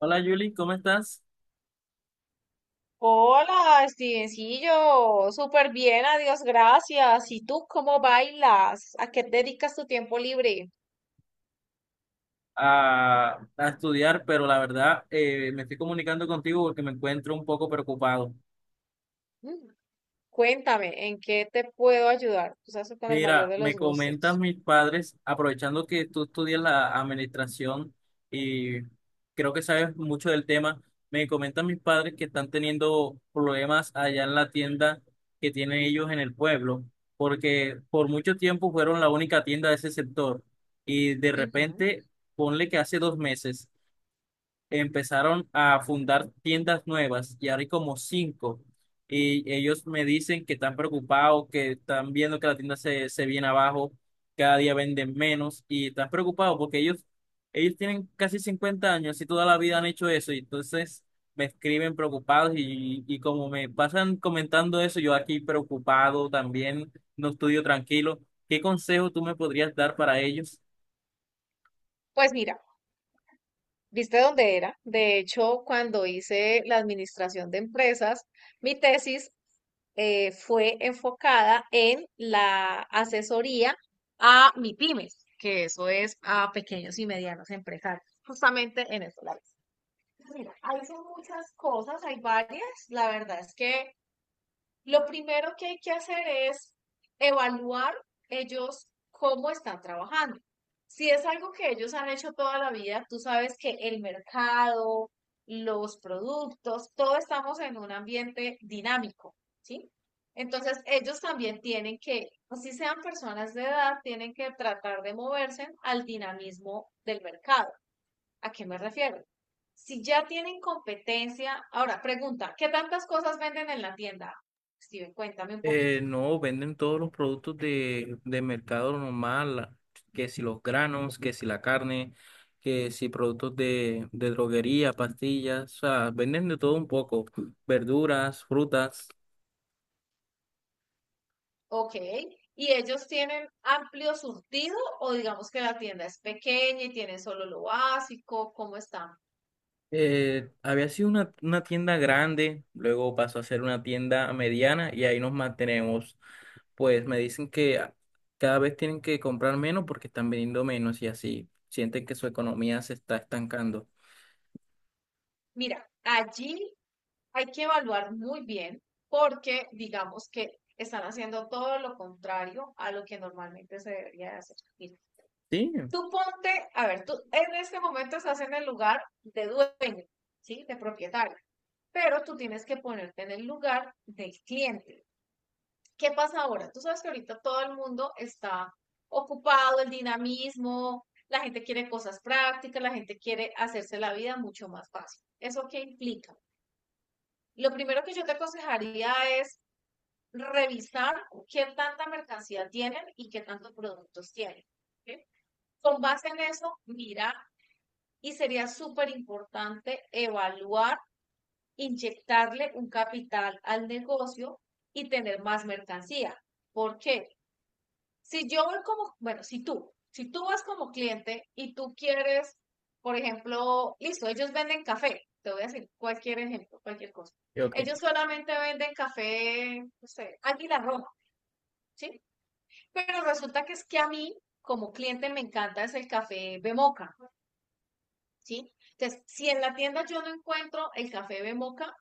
Hola Julie, ¿cómo estás? Hola, Stevencillo, súper bien, adiós, gracias. ¿Y tú cómo bailas? ¿A qué te dedicas tu tiempo libre? A estudiar, pero la verdad me estoy comunicando contigo porque me encuentro un poco preocupado. Mm. Cuéntame, ¿en qué te puedo ayudar? Tú sabes que con el mayor Mira, de me los comentan gustos. mis padres, aprovechando que tú estudias la administración y creo que sabes mucho del tema, me comentan mis padres que están teniendo problemas allá en la tienda que tienen ellos en el pueblo, porque por mucho tiempo fueron la única tienda de ese sector y de Ujú. repente, ponle que hace 2 meses empezaron a fundar tiendas nuevas y ahora hay como cinco. Y ellos me dicen que están preocupados, que están viendo que la tienda se viene abajo, cada día venden menos y están preocupados porque ellos tienen casi 50 años y toda la vida han hecho eso. Y entonces me escriben preocupados y como me pasan comentando eso, yo aquí preocupado también, no estudio tranquilo. ¿Qué consejo tú me podrías dar para ellos? Pues mira, ¿viste dónde era? De hecho, cuando hice la administración de empresas, mi tesis fue enfocada en la asesoría a pymes, que eso es a pequeños y medianos empresarios, justamente en eso. Mira, hay son muchas cosas, hay varias. La verdad es que lo primero que hay que hacer es evaluar ellos cómo están trabajando. Si es algo que ellos han hecho toda la vida, tú sabes que el mercado, los productos, todos estamos en un ambiente dinámico, ¿sí? Entonces, ellos también tienen que, así sean personas de edad, tienen que tratar de moverse al dinamismo del mercado. ¿A qué me refiero? Si ya tienen competencia, ahora pregunta, ¿qué tantas cosas venden en la tienda? Steven, cuéntame un poquito. No, venden todos los productos de mercado normal, que si los granos, que si la carne, que si productos de droguería, pastillas, o sea, venden de todo un poco, verduras, frutas. Ok, ¿y ellos tienen amplio surtido o digamos que la tienda es pequeña y tienen solo lo básico? ¿Cómo están? Había sido una tienda grande, luego pasó a ser una tienda mediana y ahí nos mantenemos. Pues me dicen que cada vez tienen que comprar menos porque están vendiendo menos y así sienten que su economía se está estancando. Mira, allí hay que evaluar muy bien porque digamos que están haciendo todo lo contrario a lo que normalmente se debería de hacer. Mira, Sí, tú ponte, a ver, tú en este momento estás en el lugar de dueño, ¿sí? De propietario, pero tú tienes que ponerte en el lugar del cliente. ¿Qué pasa ahora? Tú sabes que ahorita todo el mundo está ocupado, el dinamismo, la gente quiere cosas prácticas, la gente quiere hacerse la vida mucho más fácil. ¿Eso qué implica? Lo primero que yo te aconsejaría es revisar qué tanta mercancía tienen y qué tantos productos tienen. ¿Ok? Con base en eso, mirar y sería súper importante evaluar, inyectarle un capital al negocio y tener más mercancía. ¿Por qué? Si yo voy como, bueno, si tú vas como cliente y tú quieres, por ejemplo, listo, ellos venden café, te voy a decir cualquier ejemplo, cualquier cosa. y ok, Ellos solamente venden café, no sé, Águila Roja, ¿sí? Pero resulta que es que a mí, como cliente, me encanta es el café Bemoca. ¿Sí? Entonces, si en la tienda yo no encuentro el café de moca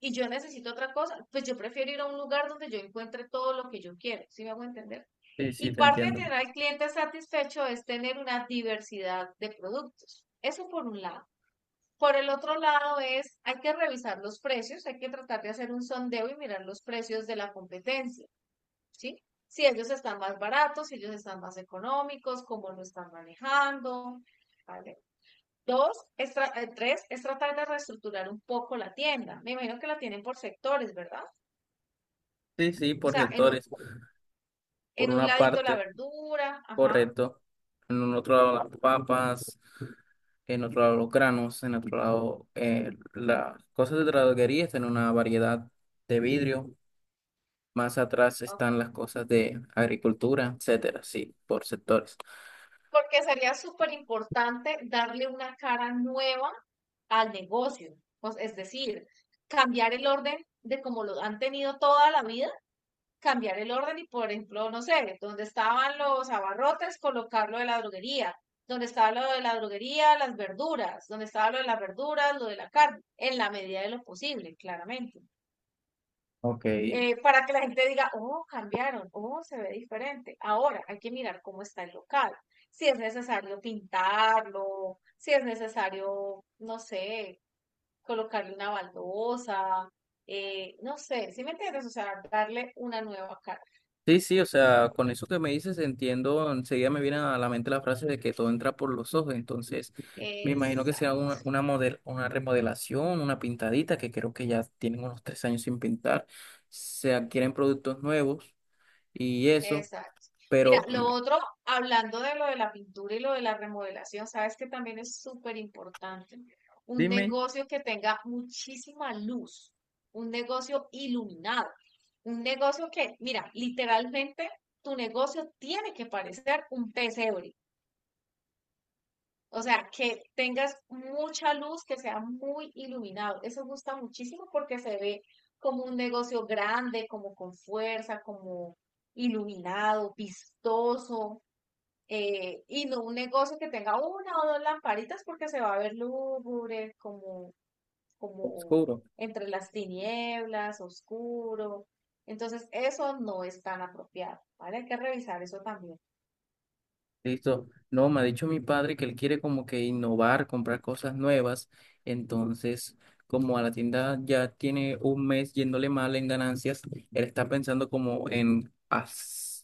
y yo necesito otra cosa, pues yo prefiero ir a un lugar donde yo encuentre todo lo que yo quiero, ¿sí me hago entender? sí, sí, Y te parte de entiendo. tener al cliente satisfecho es tener una diversidad de productos. Eso por un lado. Por el otro lado es, hay que revisar los precios, hay que tratar de hacer un sondeo y mirar los precios de la competencia, ¿sí? Si ellos están más baratos, si ellos están más económicos, cómo lo están manejando, ¿vale? Dos, es tres, es tratar de reestructurar un poco la tienda. Me imagino que la tienen por sectores, ¿verdad? Sí, sí, O por sea, en un, sectores. Por en un una ladito la parte, verdura, ajá. correcto. En un otro lado las papas, en otro lado los granos, en otro lado las cosas de droguería en una variedad de vidrio. Más atrás Ok. están las cosas de agricultura, etcétera. Sí, por sectores. Porque sería súper importante darle una cara nueva al negocio. Pues, es decir, cambiar el orden de como lo han tenido toda la vida, cambiar el orden y, por ejemplo, no sé, donde estaban los abarrotes, colocar lo de la droguería, donde estaba lo de la droguería, las verduras, donde estaba lo de las verduras, lo de la carne, en la medida de lo posible, claramente. Ok. Para que la gente diga, oh, cambiaron, oh, se ve diferente. Ahora hay que mirar cómo está el local, si es necesario pintarlo, si es necesario, no sé, colocarle una baldosa, no sé, ¿si me entiendes? O sea, darle una nueva cara. Sí, sí, o sea, con eso que me dices entiendo, enseguida me viene a la mente la frase de que todo entra por los ojos, entonces me imagino que Esa será una remodelación, una pintadita, que creo que ya tienen unos 3 años sin pintar, se adquieren productos nuevos y eso, Exacto. Mira, pero mm, lo otro, hablando de lo de la pintura y lo de la remodelación, sabes que también es súper importante un dime, negocio que tenga muchísima luz, un negocio iluminado, un negocio que, mira, literalmente tu negocio tiene que parecer un pesebre. O sea, que tengas mucha luz, que sea muy iluminado. Eso gusta muchísimo porque se ve como un negocio grande, como con fuerza, como iluminado, vistoso, y no un negocio que tenga una o dos lamparitas porque se va a ver lúgubre, como, como oscuro. entre las tinieblas, oscuro. Entonces, eso no es tan apropiado, ¿vale? Hay que revisar eso también. Listo. No, me ha dicho mi padre que él quiere como que innovar, comprar cosas nuevas. Entonces, como a la tienda ya tiene 1 mes yéndole mal en ganancias, él está pensando como en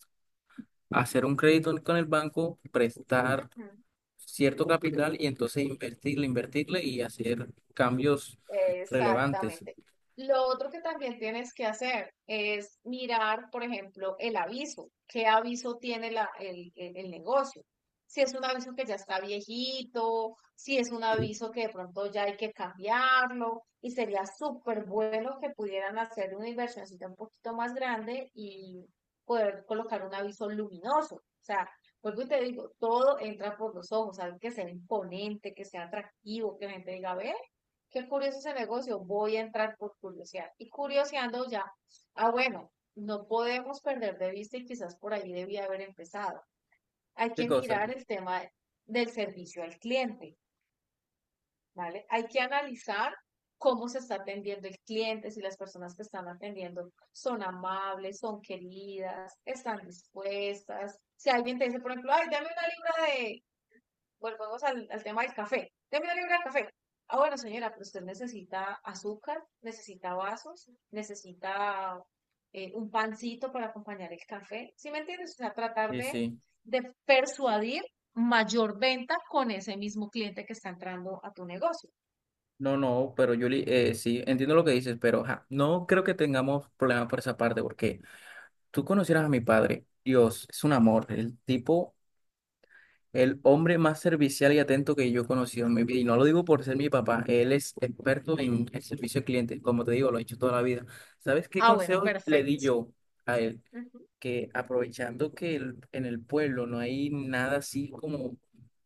hacer un crédito con el banco, prestar Ujú. cierto capital y entonces invertirle y hacer cambios relevantes. Exactamente. Lo otro que también tienes que hacer es mirar, por ejemplo, el aviso. ¿Qué aviso tiene el negocio? Si es un aviso que ya está viejito, si es un Sí. aviso que de pronto ya hay que cambiarlo, y sería súper bueno que pudieran hacer una inversioncita un poquito más grande y poder colocar un aviso luminoso. O sea, vuelvo y te digo, todo entra por los ojos, algo que sea imponente, que sea atractivo, que la gente diga, ve qué curioso ese negocio, voy a entrar por curiosidad. Y curioseando ya, ah, bueno, no podemos perder de vista y quizás por ahí debía haber empezado. Hay ¿Qué que cosa? mirar el tema del servicio al cliente, ¿vale? Hay que analizar cómo se está atendiendo el cliente, si las personas que están atendiendo son amables, son queridas, están dispuestas. Si alguien te dice, por ejemplo, ay, dame una libra de volvamos al tema del café. Deme una libra de café. Ah, bueno, señora, pero usted necesita azúcar, necesita vasos, necesita un pancito para acompañar el café. ¿Sí me entiendes? O sea, tratar Sí, de, sí. de persuadir mayor venta con ese mismo cliente que está entrando a tu negocio. No, pero Yuli, sí, entiendo lo que dices, pero ajá, no creo que tengamos problemas por esa parte, porque tú conocieras a mi padre. Dios, es un amor. El tipo, el hombre más servicial y atento que yo he conocido en mi vida. Y no lo digo por ser mi papá. Él es experto en el servicio al cliente. Como te digo, lo he hecho toda la vida. ¿Sabes qué Ah, bueno, consejo le di perfecto. yo a él? Ujú. Que aprovechando que en el pueblo no hay nada así como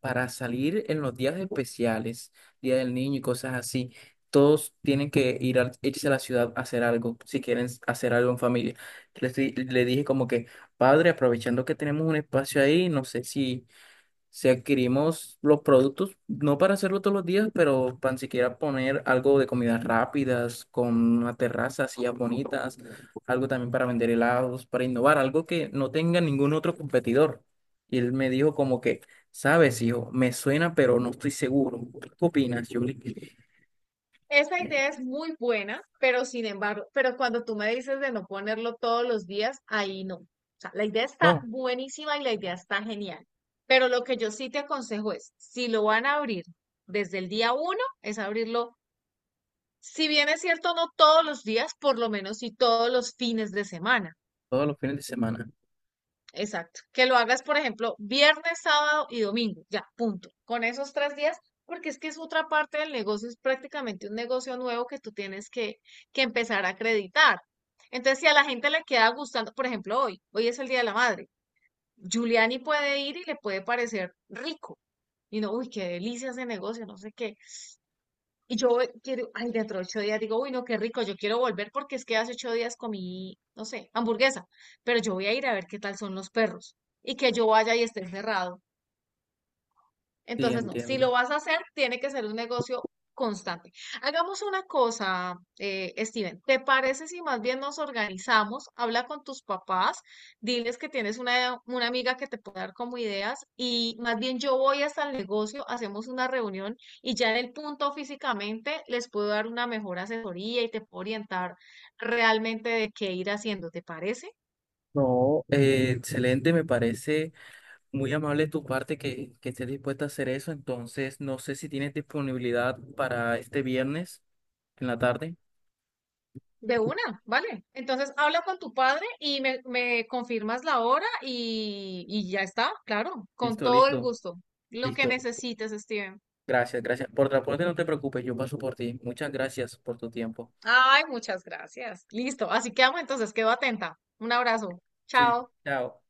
para salir en los días especiales, Día del Niño y cosas así, todos tienen que irse a la ciudad a hacer algo, si quieren hacer algo en familia. Le dije como que, padre, aprovechando que tenemos un espacio ahí, no sé si adquirimos los productos, no para hacerlo todos los días, pero para siquiera poner algo de comidas rápidas, con una terraza, sillas bonitas, algo también para vender helados, para innovar, algo que no tenga ningún otro competidor. Y él me dijo como que, sabes, hijo, me suena, pero no estoy seguro. ¿Qué opinas? Yo Esa idea es muy buena, pero sin embargo, pero cuando tú me dices de no ponerlo todos los días, ahí no. O sea, la idea está no, buenísima y la idea está genial. Pero lo que yo sí te aconsejo es, si lo van a abrir desde el día uno, es abrirlo, si bien es cierto, no todos los días, por lo menos sí todos los fines de semana. todos los fines de semana. Exacto. Que lo hagas, por ejemplo, viernes, sábado y domingo. Ya, punto. Con esos 3 días, porque es que es otra parte del negocio, es prácticamente un negocio nuevo que tú tienes que, empezar a acreditar. Entonces, si a la gente le queda gustando, por ejemplo, hoy es el Día de la Madre, Giuliani puede ir y le puede parecer rico. Y no, uy, qué delicia ese negocio, no sé qué. Y yo quiero, ay, dentro de 8 días digo, uy, no, qué rico, yo quiero volver porque es que hace 8 días comí, no sé, hamburguesa, pero yo voy a ir a ver qué tal son los perros y que yo vaya y esté cerrado. Sí, Entonces, no, si entiendo. lo vas a hacer, tiene que ser un negocio constante. Hagamos una cosa, Steven, ¿te parece si más bien nos organizamos? Habla con tus papás, diles que tienes una amiga que te puede dar como ideas y más bien yo voy hasta el negocio, hacemos una reunión y ya en el punto físicamente les puedo dar una mejor asesoría y te puedo orientar realmente de qué ir haciendo, ¿te parece? No, excelente, me parece. Muy amable de tu parte que estés dispuesta a hacer eso. Entonces, no sé si tienes disponibilidad para este viernes en la tarde. De una, ¿vale? Entonces habla con tu padre y me confirmas la hora y ya está, claro, con Listo, todo el listo, gusto. Lo que listo. necesites, Steven. Gracias, gracias. Por transporte no te preocupes, yo paso por ti. Muchas gracias por tu tiempo. Ay, muchas gracias. Listo, así quedamos entonces, quedo atenta. Un abrazo. Sí, Chao. chao.